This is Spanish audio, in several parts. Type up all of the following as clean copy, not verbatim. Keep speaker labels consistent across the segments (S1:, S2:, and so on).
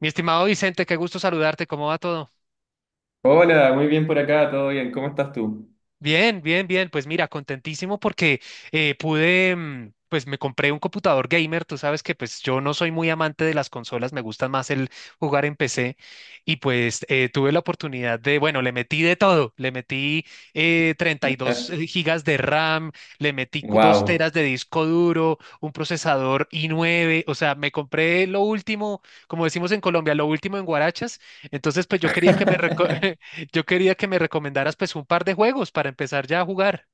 S1: Mi estimado Vicente, qué gusto saludarte. ¿Cómo va todo?
S2: Hola, muy bien por acá, todo bien. ¿Cómo estás tú?
S1: Bien, bien, bien. Pues mira, contentísimo porque pude, pues me compré un computador gamer. Tú sabes que pues yo no soy muy amante de las consolas, me gusta más el jugar en PC. Y pues tuve la oportunidad de, bueno, le metí de todo. Le metí 32 gigas de RAM, le metí 2
S2: Wow.
S1: teras de disco duro, un procesador i9. O sea, me compré lo último, como decimos en Colombia, lo último en guarachas. Entonces, pues yo quería Yo quería que me recomendaras pues un par de juegos para empezar ya a jugar.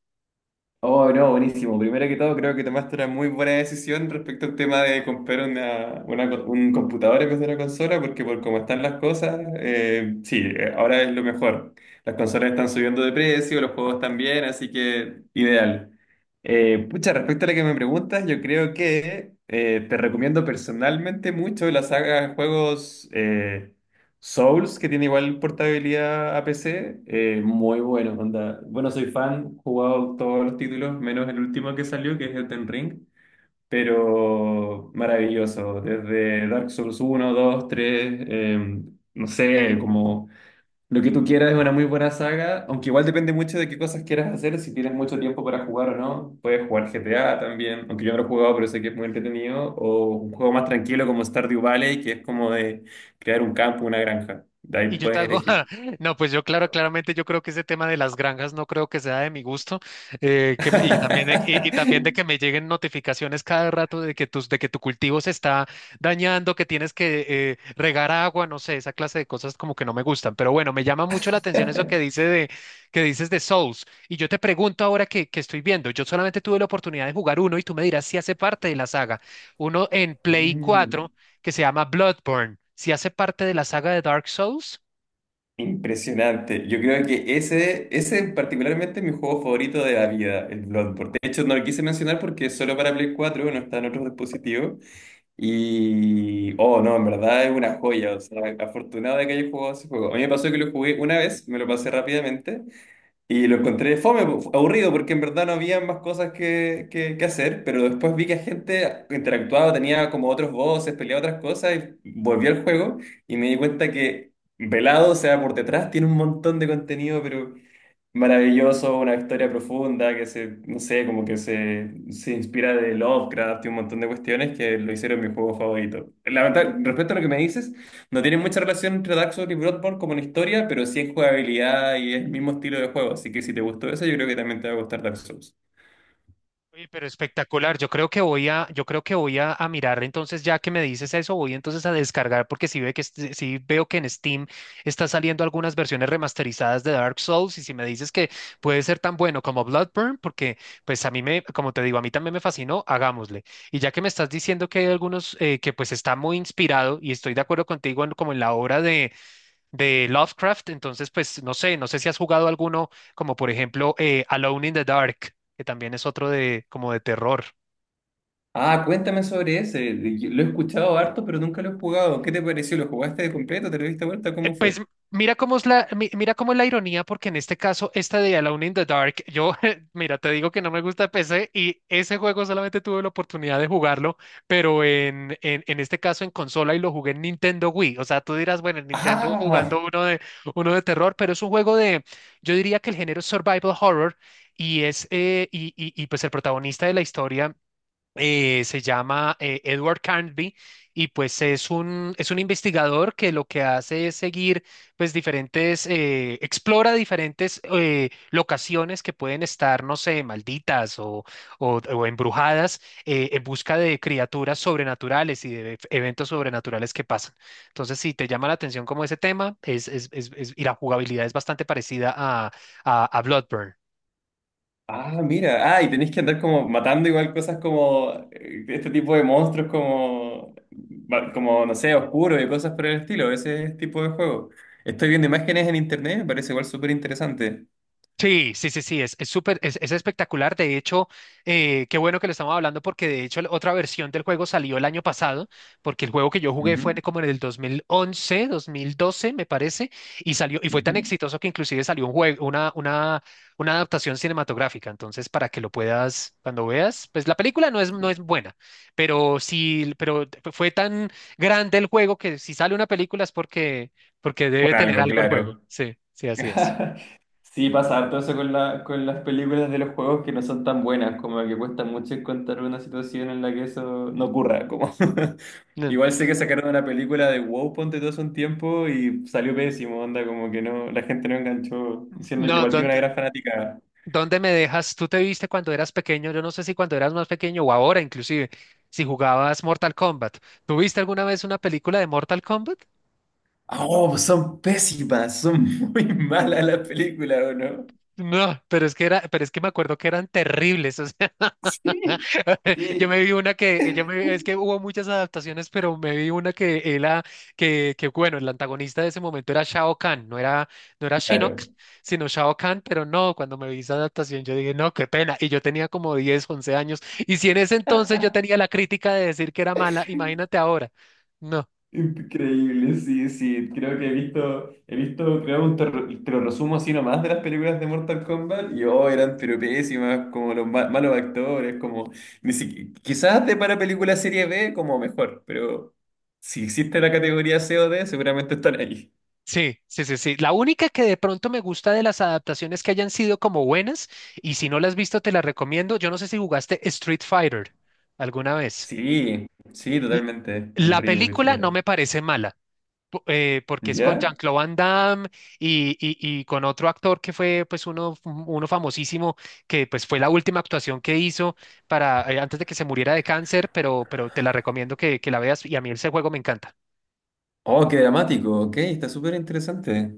S2: Oh, no, buenísimo. Primero que todo, creo que tomaste una muy buena decisión respecto al tema de comprar un computador en vez de una consola, porque por cómo están las cosas, sí, ahora es lo mejor. Las consolas están subiendo de precio, los juegos también, así que ideal. Pucha, respecto a lo que me preguntas, yo creo que te recomiendo personalmente mucho la saga de juegos. Souls, que tiene igual portabilidad a PC, muy bueno, onda. Bueno, soy fan, he jugado todos los títulos, menos el último que salió, que es Elden Ring, pero maravilloso. Desde Dark Souls uno, dos, tres, no sé, como lo que tú quieras es una muy buena saga, aunque igual depende mucho de qué cosas quieras hacer, si tienes mucho tiempo para jugar o no. Puedes jugar GTA también, aunque yo no lo he jugado, pero sé que es muy entretenido. O un juego más tranquilo como Stardew Valley, que es como de crear un campo, una granja. De ahí
S1: Y yo te
S2: puedes
S1: hago,
S2: elegir.
S1: no, pues yo claro, claramente yo creo que ese tema de las granjas no creo que sea de mi gusto, y también de que me lleguen notificaciones cada rato de de que tu cultivo se está dañando, que tienes que regar agua, no sé, esa clase de cosas como que no me gustan. Pero bueno, me llama mucho la atención eso que dices de Souls. Y yo te pregunto ahora que estoy viendo, yo solamente tuve la oportunidad de jugar uno y tú me dirás si hace parte de la saga. Uno en Play
S2: Mm,
S1: 4 que se llama Bloodborne. ¿Si ¿hace parte de la saga de Dark Souls?
S2: impresionante. Yo creo que ese particularmente es mi juego favorito de la vida, el Bloodborne. De hecho, no lo quise mencionar porque es solo para Play cuatro, no está en otros dispositivos. Y, oh, no, en verdad es una joya, o sea, afortunado de que haya jugado ese juego. A mí me pasó que lo jugué una vez, me lo pasé rápidamente y lo encontré fome, po- aburrido, porque en verdad no había más cosas que, que hacer, pero después vi que gente interactuaba, tenía como otros voces, peleaba otras cosas y volví al juego y me di cuenta que velado, o sea, por detrás tiene un montón de contenido, pero maravilloso, una historia profunda que se, no sé, como que se inspira de Lovecraft y un montón de cuestiones que lo hicieron mi juego favorito. La verdad, respecto a lo que me dices, no tiene mucha relación entre Dark Souls y Bloodborne como en historia, pero sí en jugabilidad y es el mismo estilo de juego, así que si te gustó eso, yo creo que también te va a gustar Dark Souls.
S1: Oye, pero espectacular. Yo creo que voy a mirar. Entonces, ya que me dices eso, voy entonces a descargar porque sí, sí veo que en Steam está saliendo algunas versiones remasterizadas de Dark Souls y si me dices que puede ser tan bueno como Bloodborne, porque pues como te digo, a mí también me fascinó, hagámosle. Y ya que me estás diciendo que hay algunos que pues está muy inspirado y estoy de acuerdo contigo como en la obra de Lovecraft. Entonces, pues no sé, no sé si has jugado alguno, como por ejemplo Alone in the Dark, que también es otro de como de terror.
S2: Ah, cuéntame sobre ese. Yo lo he escuchado harto, pero nunca lo he jugado. ¿Qué te pareció? ¿Lo jugaste de completo? ¿Te lo diste vuelta? ¿Cómo fue?
S1: Pues mira cómo es la ironía, porque en este caso, esta de Alone in the Dark, mira, te digo que no me gusta PC y ese juego solamente tuve la oportunidad de jugarlo, pero en este caso en consola y lo jugué en Nintendo Wii. O sea, tú dirás, bueno, en Nintendo jugando
S2: ¡Ah!
S1: uno de terror, pero es un juego de, yo diría que el género es survival horror y pues el protagonista de la historia se llama Edward Carnby y pues es un investigador que lo que hace es seguir pues diferentes, explora diferentes locaciones que pueden estar, no sé, malditas o embrujadas en busca de criaturas sobrenaturales y de eventos sobrenaturales que pasan. Entonces, si te llama la atención como ese tema, y la jugabilidad es bastante parecida a Bloodborne.
S2: Ah, mira. Ah, y tenéis que andar como matando igual cosas como este tipo de monstruos como, va- como no sé, oscuros y cosas por el estilo, ese tipo de juego. Estoy viendo imágenes en internet, me parece igual súper interesante.
S1: Sí, sí, sí, sí, es súper, es espectacular. De hecho, qué bueno que lo estamos hablando porque de hecho la otra versión del juego salió el año pasado, porque el juego que yo jugué fue
S2: Ujú,
S1: como en el 2011, 2012, me parece, y salió, y fue
S2: ujú.
S1: tan exitoso que inclusive salió un juego, una adaptación cinematográfica. Entonces, para que lo puedas, cuando veas, pues la película no es buena, pero sí, pero fue tan grande el juego que si sale una película es porque
S2: Por
S1: debe tener
S2: algo,
S1: algo el juego.
S2: claro.
S1: Sí, sí, así es.
S2: Sí, pasa harto eso con la, con las películas de los juegos que no son tan buenas, como que cuesta mucho encontrar una situación en la que eso no ocurra, como
S1: No,
S2: igual sé que sacaron una película de WoW, ponte todo hace un tiempo y salió pésimo, onda, como que no, la gente no enganchó, diciendo que
S1: no.
S2: igual tiene una gran fanática.
S1: ¿Dónde me dejas? ¿Tú te viste cuando eras pequeño? Yo no sé si cuando eras más pequeño o ahora inclusive, si jugabas Mortal Kombat. ¿Tuviste alguna vez una película de Mortal Kombat?
S2: Ah, oh, son pésimas, son muy malas las películas, ¿o no?
S1: No, pero es que me acuerdo que eran terribles. O sea,
S2: Sí.
S1: Yo me
S2: Sí,
S1: vi una que, yo me, es que hubo muchas adaptaciones, pero me vi una que era, que bueno, el antagonista de ese momento era Shao Kahn, no era, no era Shinnok,
S2: claro.
S1: sino Shao Kahn, pero no, cuando me vi esa adaptación yo dije, no, qué pena, y yo tenía como 10 11 años, y si en ese entonces yo tenía la crítica de decir que era mala, imagínate ahora, no.
S2: Increíble, sí, sí. Creo que he visto, creo, un ter- te lo resumo así nomás de las películas de Mortal Kombat y oh, eran pero pésimas, como los ma- malos actores, como ni si- quizás de para película serie B como mejor, pero si existe la categoría C o D, seguramente están ahí.
S1: Sí, sí, sí, sí. La única que de pronto me gusta de las adaptaciones que hayan sido como buenas, y si no las has visto, te la recomiendo. Yo no sé si jugaste Street Fighter alguna vez.
S2: Sí, sí, totalmente. Un
S1: La
S2: Ryu,
S1: película no
S2: etcétera.
S1: me parece mala, porque es con
S2: ¿Ya?
S1: Jean-Claude Van Damme y con otro actor que fue pues uno famosísimo, que pues fue la última actuación que hizo antes de que se muriera de cáncer, pero te la recomiendo que la veas y a mí ese juego me encanta.
S2: Oh, qué dramático, ok, está súper interesante.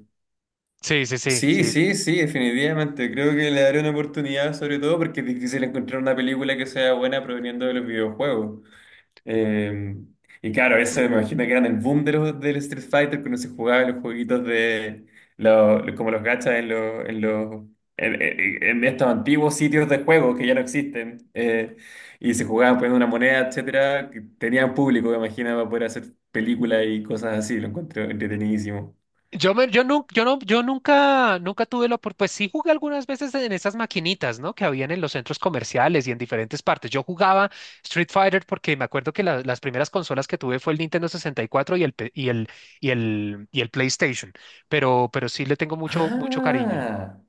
S1: Sí, sí, sí,
S2: Sí,
S1: sí.
S2: sí, sí, definitivamente. Creo que le daré una oportunidad, sobre todo porque es difícil encontrar una película que sea buena proveniendo de los videojuegos. Eh, y claro, eso me imagino que eran el boom de los, del Street Fighter, cuando se jugaban los jueguitos de los, como los gachas en en estos antiguos sitios de juego que ya no existen. Y se jugaban poniendo una moneda, etcétera, que tenían público, me imagino, para poder hacer películas y cosas así. Lo encuentro entretenidísimo.
S1: Yo, me, yo, nu- yo, no, yo nunca tuve la oportunidad, pues sí jugué algunas veces en esas maquinitas, ¿no? Que habían en los centros comerciales y en diferentes partes. Yo jugaba Street Fighter porque me acuerdo que las primeras consolas que tuve fue el Nintendo 64 y cuatro y el, pe- y el, y el, y el PlayStation, pero sí le tengo mucho, mucho cariño.
S2: Ah,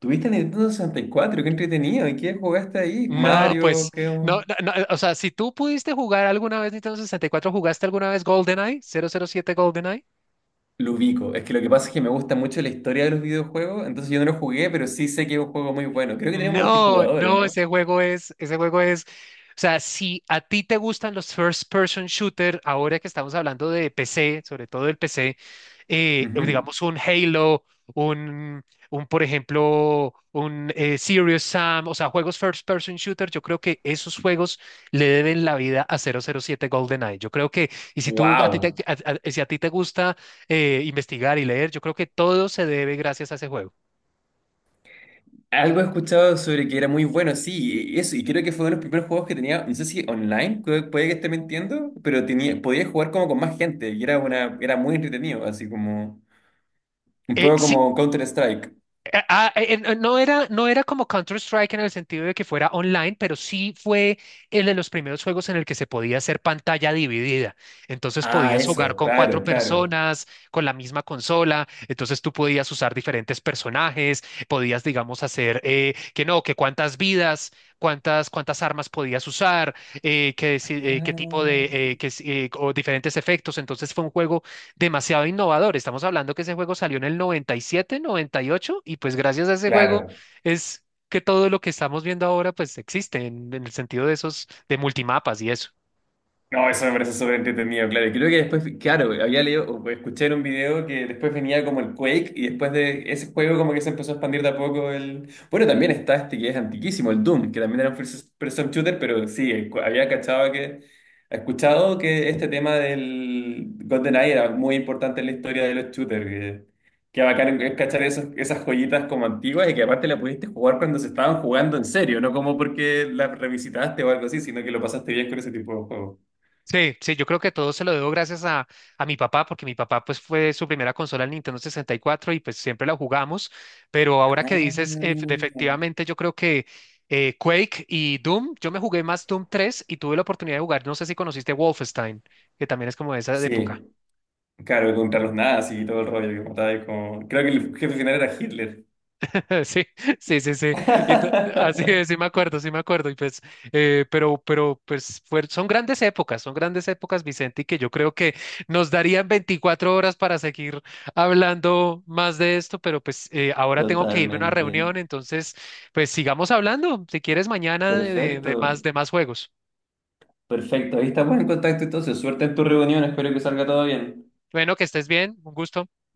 S2: tuviste Nintendo sesenta y cuatro, qué entretenido. ¿Y qué jugaste ahí?
S1: No,
S2: Mario,
S1: pues,
S2: qué...
S1: no, no, no, o sea, si tú pudiste jugar alguna vez Nintendo 64, ¿jugaste alguna vez GoldenEye? ¿007 GoldenEye?
S2: Lo ubico. Es que lo que pasa es que me gusta mucho la historia de los videojuegos, entonces yo no lo jugué, pero sí sé que es un juego muy bueno. Creo que tenía un
S1: No,
S2: multijugador, ¿o
S1: no,
S2: no?
S1: o sea, si a ti te gustan los first person shooter, ahora que estamos hablando de PC, sobre todo el PC, digamos un Halo, un, un por ejemplo, un Serious Sam, o sea, juegos first person shooter, yo creo que esos juegos le deben la vida a 007 GoldenEye. Yo creo que, y si tú, a ti te,
S2: Wow.
S1: a- si a ti te gusta investigar y leer, yo creo que todo se debe gracias a ese juego.
S2: Algo he escuchado sobre que era muy bueno, sí, y eso, y creo que fue uno de los primeros juegos que tenía, no sé si online, creo- puede que esté mintiendo, pero tenía, podía jugar como con más gente, y era una, era muy entretenido, así como, un
S1: Eh,
S2: poco
S1: si
S2: como Counter-Strike.
S1: No era como Counter-Strike en el sentido de que fuera online, pero sí fue el de los primeros juegos en el que se podía hacer pantalla dividida. Entonces
S2: Ah,
S1: podías jugar
S2: eso,
S1: con
S2: claro,
S1: cuatro
S2: claro.
S1: personas, con la misma consola, entonces tú podías usar diferentes personajes, podías, digamos, hacer que no, que cuántas vidas, cuántas armas podías usar, que si- qué tipo de,
S2: Ah,
S1: que si- o diferentes efectos. Entonces fue un juego demasiado innovador. Estamos hablando que ese juego salió en el 97, 98 y ocho, y pues gracias a ese juego
S2: claro.
S1: es que todo lo que estamos viendo ahora pues existe en el sentido de esos, de multimapas y eso.
S2: No, eso me parece súper entretenido, claro. Y creo que después, claro, había leído, o escuché en un video que después venía como el Quake y después de ese juego como que se empezó a expandir de a poco el... Bueno, también está este que es antiquísimo, el Doom, que también era un first person shooter, pero sí, el cu- había cachado que... Escuchado que este tema del GoldenEye era muy importante en la historia de los shooters, que bacán es cachar esos, esas joyitas como antiguas y que aparte la pudiste jugar cuando se estaban jugando en serio, no como porque la revisitaste o algo así, sino que lo pasaste bien con ese tipo de juegos.
S1: Sí, sí, yo creo que todo se lo debo gracias a mi papá, porque mi papá pues fue su primera consola el Nintendo 64 y cuatro y pues siempre la jugamos, pero ahora que
S2: Ah,
S1: dices, efectivamente yo creo que Quake y Doom, yo me jugué más Doom 3 y tuve la oportunidad de jugar, no sé si conociste Wolfenstein, que también es como de esa
S2: sí,
S1: época.
S2: claro, contra los nazis y todo el rollo que mataba ahí con... Creo que el jefe final era Hitler.
S1: Sí, sí, sí, sí. Y así es, sí me acuerdo, sí me acuerdo. Y pues, son grandes épocas, Vicente, y que yo creo que nos darían 24 horas para seguir hablando más de esto, pero pues ahora tengo que irme a una
S2: Totalmente.
S1: reunión, entonces, pues sigamos hablando, si quieres, mañana
S2: Perfecto.
S1: de más juegos.
S2: Perfecto. Ahí estamos en contacto entonces. Suerte en tu reunión. Espero que salga todo bien.
S1: Bueno, que estés bien, un gusto.